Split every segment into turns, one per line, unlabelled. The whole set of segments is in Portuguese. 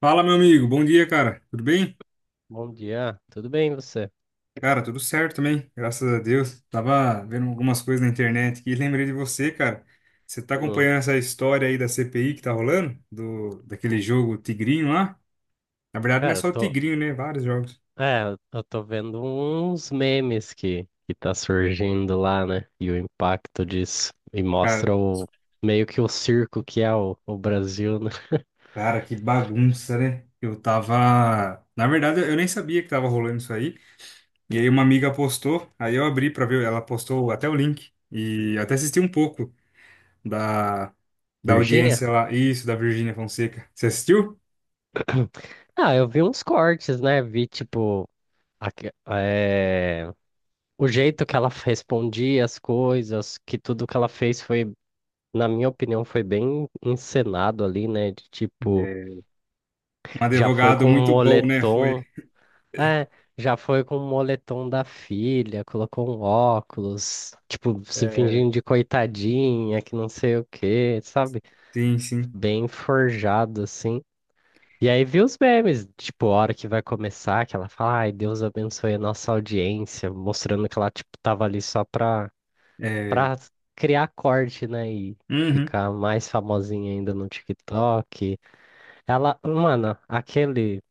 Fala, meu amigo. Bom dia, cara. Tudo bem?
Bom dia, tudo bem você?
Cara, tudo certo também, graças a Deus. Tava vendo algumas coisas na internet aqui e lembrei de você, cara. Você tá
Hum,
acompanhando essa história aí da CPI que tá rolando? Daquele jogo Tigrinho lá? Na verdade, não é
cara,
só o Tigrinho, né? Vários jogos.
é, eu tô vendo uns memes que tá surgindo lá, né? E o impacto disso. E
Cara,
mostra meio que o circo que é o Brasil, né?
cara, que bagunça, né? Eu tava. Na verdade, eu nem sabia que tava rolando isso aí. E aí, uma amiga postou, aí eu abri pra ver, ela postou até o link. E até assisti um pouco da, da
Virgínia?
audiência lá. Isso, da Virgínia Fonseca. Você assistiu?
Ah, eu vi uns cortes, né? Vi, tipo, aque- é, o jeito que ela respondia as coisas, que tudo que ela fez foi, na minha opinião, foi bem encenado ali, né? De tipo,
É, um
já foi
advogado
com um
muito bom, né? Foi.
moletom É, já foi com o moletom da filha, colocou um óculos, tipo, se
É,
fingindo de coitadinha, que não sei o quê, sabe?
sim, sim.
Bem forjado, assim. E aí vi os memes, tipo, a hora que vai começar, que ela fala, ai, Deus abençoe a nossa audiência, mostrando que ela, tipo, tava ali só pra,
É,
pra criar corte, né? E
uhum,
ficar mais famosinha ainda no TikTok. Ela, mano, aquele.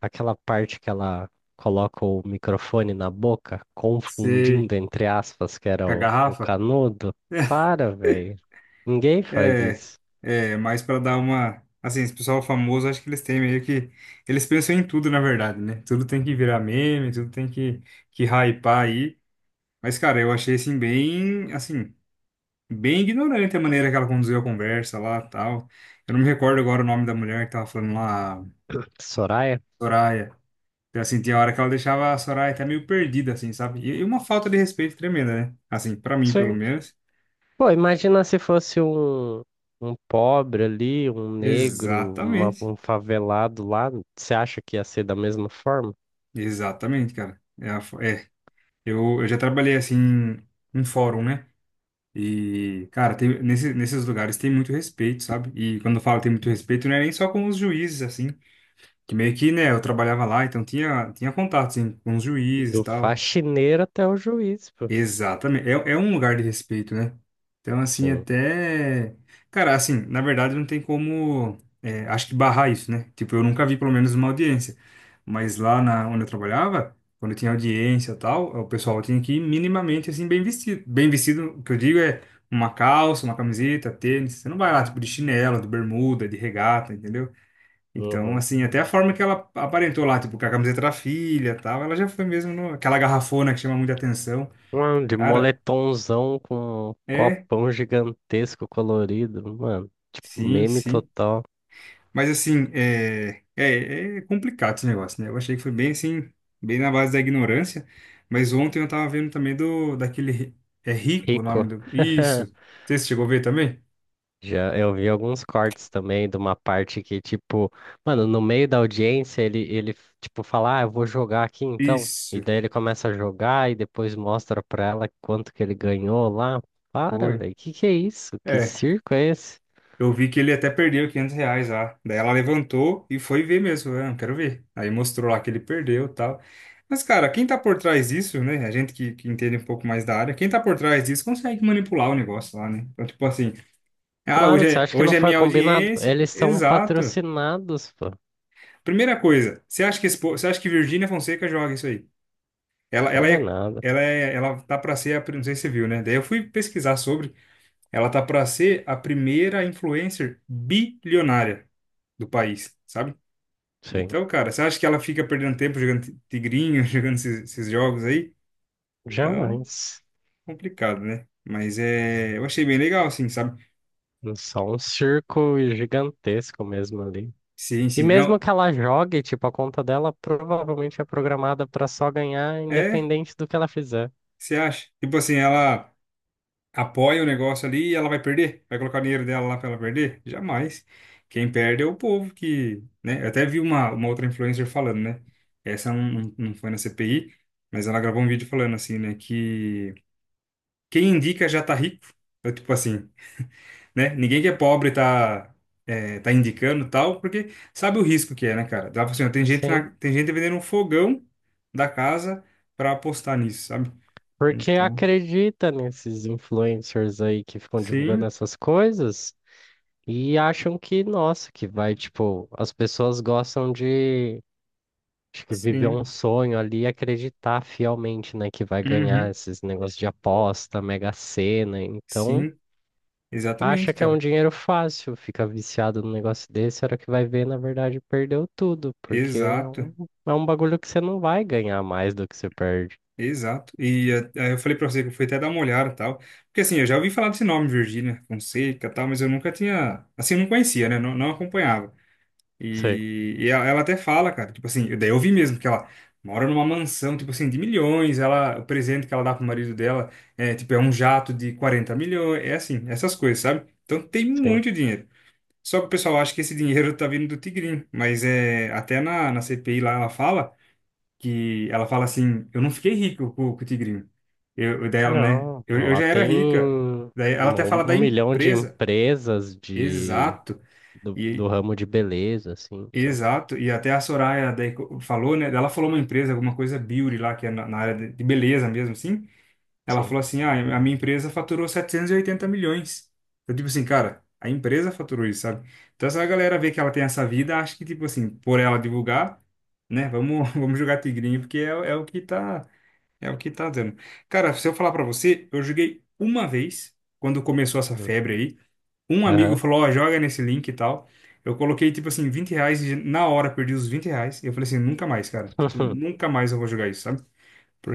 Aquela parte que ela coloca o microfone na boca,
sei.
confundindo entre aspas que era
Com a
o
garrafa?
canudo. Para, velho. Ninguém faz
É,
isso.
é, mas para dar uma. Assim, esse pessoal famoso, acho que eles têm meio que. Eles pensam em tudo, na verdade, né? Tudo tem que virar meme, tudo tem que hypar aí. Mas, cara, eu achei assim, bem, assim, bem ignorante a maneira que ela conduziu a conversa lá, tal. Eu não me recordo agora o nome da mulher que tava falando lá,
Soraya?
Soraya. Eu senti a hora que ela deixava a Soraya até meio perdida, assim, sabe? E uma falta de respeito tremenda, né? Assim, pra mim, pelo
Sim.
menos.
Pô, imagina se fosse um pobre ali, um negro, uma-
Exatamente.
um favelado lá. Você acha que ia ser da mesma forma?
Exatamente, cara. É, é. Eu já trabalhei, assim, em fórum, né? E, cara, nesses lugares tem muito respeito, sabe? E quando eu falo tem muito respeito, não é nem só com os juízes, assim. Que meio que, né, eu trabalhava lá, então tinha contato, assim, com os juízes e
Do
tal.
faxineiro até o juiz, pô.
Exatamente. É, é um lugar de respeito, né? Então, assim,
Sim.
até. Cara, assim, na verdade não tem como. É, acho que barrar isso, né? Tipo, eu nunca vi, pelo menos, uma audiência. Mas lá na, onde eu trabalhava, quando tinha audiência e tal, o pessoal tinha que ir minimamente, assim, bem vestido. Bem vestido, o que eu digo é uma calça, uma camiseta, tênis. Você não vai lá, tipo, de chinelo, de bermuda, de regata, entendeu? Então,
Uhum.
assim, até a forma que ela aparentou lá, tipo, com a camiseta da filha e tal, ela já foi mesmo no, aquela garrafona que chama muita atenção.
Mano, de
Cara,
moletomzão com um
é,
copão gigantesco colorido, mano. Tipo,
sim,
meme
sim.
total.
Mas, assim, é. É, é complicado esse negócio, né? Eu achei que foi bem, assim, bem na base da ignorância. Mas ontem eu tava vendo também do, daquele, é Rico o nome
Rico.
do. Isso. Você chegou a ver também?
Já eu vi alguns cortes também de uma parte que, tipo, mano, no meio da audiência ele tipo, fala, ah, eu vou jogar aqui então. E
Isso,
daí ele começa a jogar e depois mostra pra ela quanto que ele ganhou lá. Para,
foi.
velho, que é isso? Que
É.
circo é esse?
Eu vi que ele até perdeu R$ 500 lá. Daí ela levantou e foi ver mesmo. Eu não quero ver. Aí mostrou lá que ele perdeu e tal. Mas, cara, quem tá por trás disso, né? A gente que entende um pouco mais da área, quem tá por trás disso consegue manipular o negócio lá, né? Então, tipo assim, ah,
Claro,
hoje
você
é,
acha que não
hoje é
foi
minha
combinado?
audiência.
Eles são
Exato.
patrocinados, pô.
Primeira coisa, você acha que, esse você acha que Virgínia Fonseca joga isso aí? Ela
Joga
é.
nada.
Ela tá pra ser. Não sei se você viu, né? Daí eu fui pesquisar sobre. Ela tá para ser a primeira influencer bilionária do país, sabe?
Sim.
Então, cara, você acha que ela fica perdendo tempo jogando tigrinho, jogando esses, esses jogos aí? Então,
Jamais.
complicado, né? Mas é, eu achei bem legal, assim, sabe?
É só um circo gigantesco mesmo ali.
Sim,
E
sim,
mesmo
não.
que ela jogue, tipo, a conta dela provavelmente é programada para só ganhar,
É,
independente do que ela fizer.
você acha? Tipo assim, ela apoia o negócio ali e ela vai perder? Vai colocar o dinheiro dela lá para ela perder? Jamais. Quem perde é o povo que, né? Eu até vi uma outra influencer falando, né? Essa não, não foi na CPI, mas ela gravou um vídeo falando assim, né? Que quem indica já tá rico. É tipo assim, né? Ninguém que é pobre tá, é, tá indicando tal, porque sabe o risco que é, né, cara? Ela falou assim, ó, tem gente,
Sim.
na, tem gente vendendo um fogão da casa para apostar nisso, sabe?
Porque
Então,
acredita nesses influencers aí que ficam divulgando
sim,
essas coisas e acham que, nossa, que vai, tipo, as pessoas gostam de, acho que viver
sim.
um sonho ali e acreditar fielmente, né, que vai ganhar
Uhum.
esses negócios de aposta, Mega Sena. Então.
Sim,
Acha
exatamente,
que é um
cara.
dinheiro fácil, fica viciado num negócio desse, a hora que vai ver, na verdade, perdeu tudo, porque é
Exato,
um, é um bagulho que você não vai ganhar mais do que você perde.
exato. E eh, aí eu falei pra você que eu fui até dar uma olhada e tal. Porque assim, eu já ouvi falar desse nome, Virgínia Fonseca e tal, mas eu nunca tinha. Assim, não conhecia, né? Não, não acompanhava.
Sim,
E ela, ela até fala, cara, tipo assim, daí eu vi mesmo que ela mora numa mansão, tipo assim, de milhões. Ela, o presente que ela dá pro marido dela é, tipo, é um jato de 40 milhões. É assim, essas coisas, sabe? Então tem
sim.
muito dinheiro. Só que o pessoal acha que esse dinheiro tá vindo do Tigrinho, mas é, até na, na CPI lá ela fala. Que ela fala assim, eu não fiquei rico com o tigrinho. Daí ela, né?
Não,
Eu
lá
já era
tem
rica.
um,
Daí ela até fala da
um milhão de
empresa.
empresas de,
Exato.
do,
E
do ramo de beleza, assim, então,
exato. E até a Soraya daí falou, né? Ela falou uma empresa, alguma coisa beauty lá, que é na área de beleza mesmo, assim. Ela
sim.
falou assim, ah, a minha empresa faturou 780 milhões. Eu tipo assim, cara, a empresa faturou isso, sabe? Então, essa galera vê que ela tem essa vida, acha que, tipo assim, por ela divulgar, né? Vamos, vamos jogar tigrinho, porque é, é o que tá. É o que tá dando. Cara, se eu falar pra você, eu joguei uma vez, quando começou essa
Hum.
febre aí. Um amigo
Aham.
falou, ó, joga nesse link e tal. Eu coloquei, tipo assim, R$ 20 e na hora perdi os R$ 20. E eu falei assim, nunca mais, cara. Tipo, nunca mais eu vou jogar isso, sabe?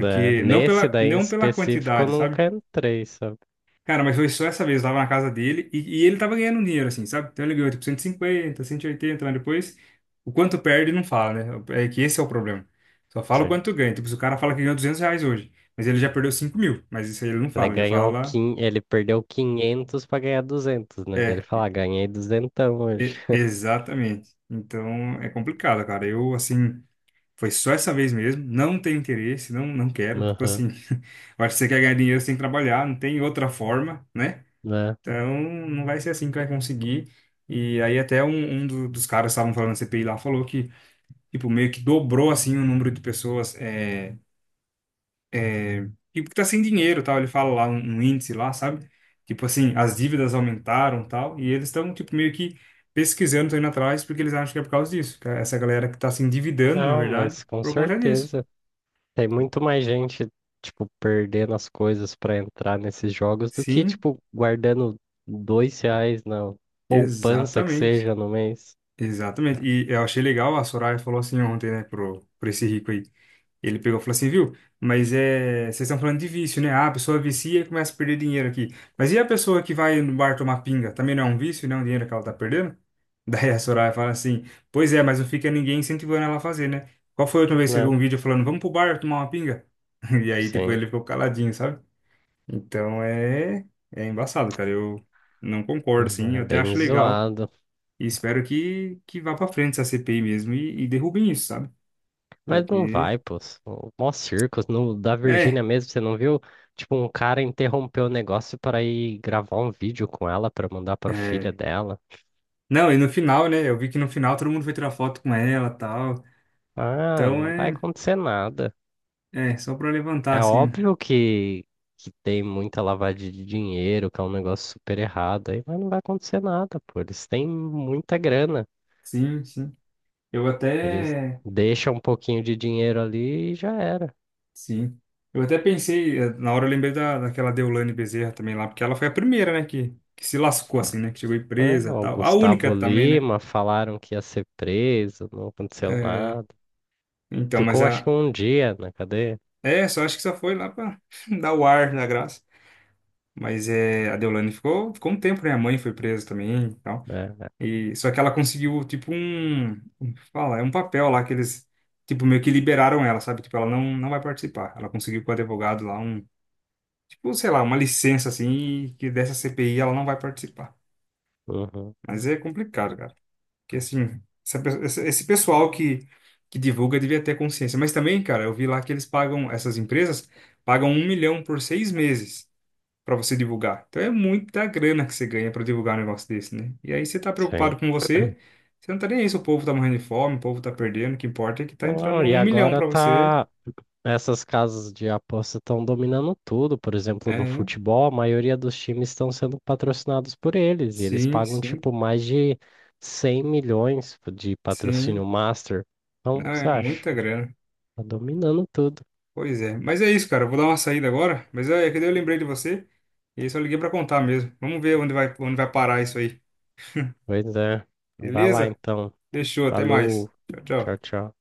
É,
não
nesse
pela,
daí em
não pela
específico eu
quantidade, sabe?
nunca entrei, sabe?
Cara, mas foi só essa vez, eu tava na casa dele e ele tava ganhando dinheiro, assim, sabe? Então ele ganhou tipo 150, 180, mas depois o quanto perde não fala, né? É que esse é o problema. Só fala o
Sim.
quanto ganha. Tipo, se o cara fala que ganhou R$ 200 hoje, mas ele já perdeu 5 mil, mas isso aí ele não fala, ele fala.
Ele perdeu 500 pra ganhar 200, né?
É,
Dele falar, ganhei duzentão hoje.
exatamente. Então é complicado, cara. Eu, assim, foi só essa vez mesmo, não tenho interesse, não, não quero. Tipo
Aham,
assim, eu acho que você quer ganhar dinheiro, você tem que trabalhar, não tem outra forma, né?
né?
Então, não vai ser assim que vai conseguir. E aí até dos caras que estavam falando na CPI lá falou que, tipo, meio que dobrou, assim, o número de pessoas, é, tipo, que tá sem dinheiro, tal. Ele fala lá um índice lá, sabe? Tipo assim, as dívidas aumentaram, tal. E eles estão, tipo, meio que pesquisando, estão indo atrás, porque eles acham que é por causa disso. Que é essa galera que tá se endividando, na
Não,
verdade,
mas com
por conta disso.
certeza. Tem muito mais gente, tipo, perdendo as coisas pra entrar nesses jogos do que,
Sim,
tipo, guardando R$ 2 na poupança que
exatamente.
seja no mês,
Exatamente. E eu achei legal, a Soraya falou assim ontem, né, pro esse rico aí. Ele pegou e falou assim, viu? Mas é, vocês estão falando de vício, né? Ah, a pessoa vicia e começa a perder dinheiro aqui. Mas e a pessoa que vai no bar tomar pinga? Também não é um vício, não é um dinheiro que ela tá perdendo? Daí a Soraya fala assim, pois é, mas não fica ninguém incentivando ela a fazer, né? Qual foi a última vez que você viu
né?
um vídeo falando, vamos pro bar tomar uma pinga? E aí, tipo,
Sim.
ele ficou caladinho, sabe? Então é embaçado, cara. Eu não concordo, assim.
É
Eu até
bem
acho legal
zoado.
e espero que vá pra frente essa CPI mesmo e derrubem isso, sabe?
Mas não
Porque,
vai, pô. Mó circos. No, da Virgínia
é.
mesmo, você não viu? Tipo, um cara interrompeu o negócio para ir gravar um vídeo com ela para mandar para filha
É.
dela.
Não, e no final, né? Eu vi que no final todo mundo foi tirar foto com ela e tal.
Ah,
Então
não vai
é,
acontecer nada.
é só pra levantar,
É
assim.
óbvio que tem muita lavagem de dinheiro, que é um negócio super errado aí, mas não vai acontecer nada, pô. Eles têm muita grana.
Sim, sim. Eu
Eles
até.
deixam um pouquinho de dinheiro ali e já era.
Sim. Eu até pensei, eh, na hora eu lembrei da, daquela Deolane Bezerra também lá, porque ela foi a primeira, né, que, se lascou, assim, né? Que chegou em
Né?
presa e
O
tal. A
Gustavo
única também, né?
Lima falaram que ia ser preso, não aconteceu
É,
nada.
então, mas
Ficou acho que
a.
um dia na cadeia.
É, só acho que só foi lá pra dar o ar da graça. Mas é, a Deolane ficou um tempo, né? A mãe foi presa também e tal.
É.
E, só que ela conseguiu, tipo, um. Como que fala? É um papel lá que eles, tipo, meio que liberaram ela, sabe? Tipo, ela não, não vai participar. Ela conseguiu com o advogado lá um, tipo, sei lá, uma licença, assim, que dessa CPI ela não vai participar.
Uhum.
Mas é complicado, cara. Porque, assim, esse pessoal que divulga devia ter consciência. Mas também, cara, eu vi lá que eles pagam, essas empresas pagam um milhão por 6 meses para você divulgar. Então é muita grana que você ganha para divulgar um negócio desse, né? E aí você tá
Sim.
preocupado com você, você não tá nem aí se o povo tá morrendo de fome, o povo tá perdendo, o que importa é que tá entrando
Não, e
um milhão
agora
para você.
tá. Essas casas de aposta estão dominando tudo. Por exemplo, no
É,
futebol, a maioria dos times estão sendo patrocinados por eles. E eles
sim,
pagam,
sim,
tipo, mais de 100 milhões de patrocínio
sim.
master. Então,
Não,
você
é
acha?
muita grana.
Tá dominando tudo.
Pois é. Mas é isso, cara. Eu vou dar uma saída agora, mas é que daí eu lembrei de você e aí só liguei para contar mesmo. Vamos ver onde vai parar isso aí.
Pois é. Vai lá
Beleza?
então.
Deixou, até
Falou.
mais. Tchau, tchau.
Tchau, tchau.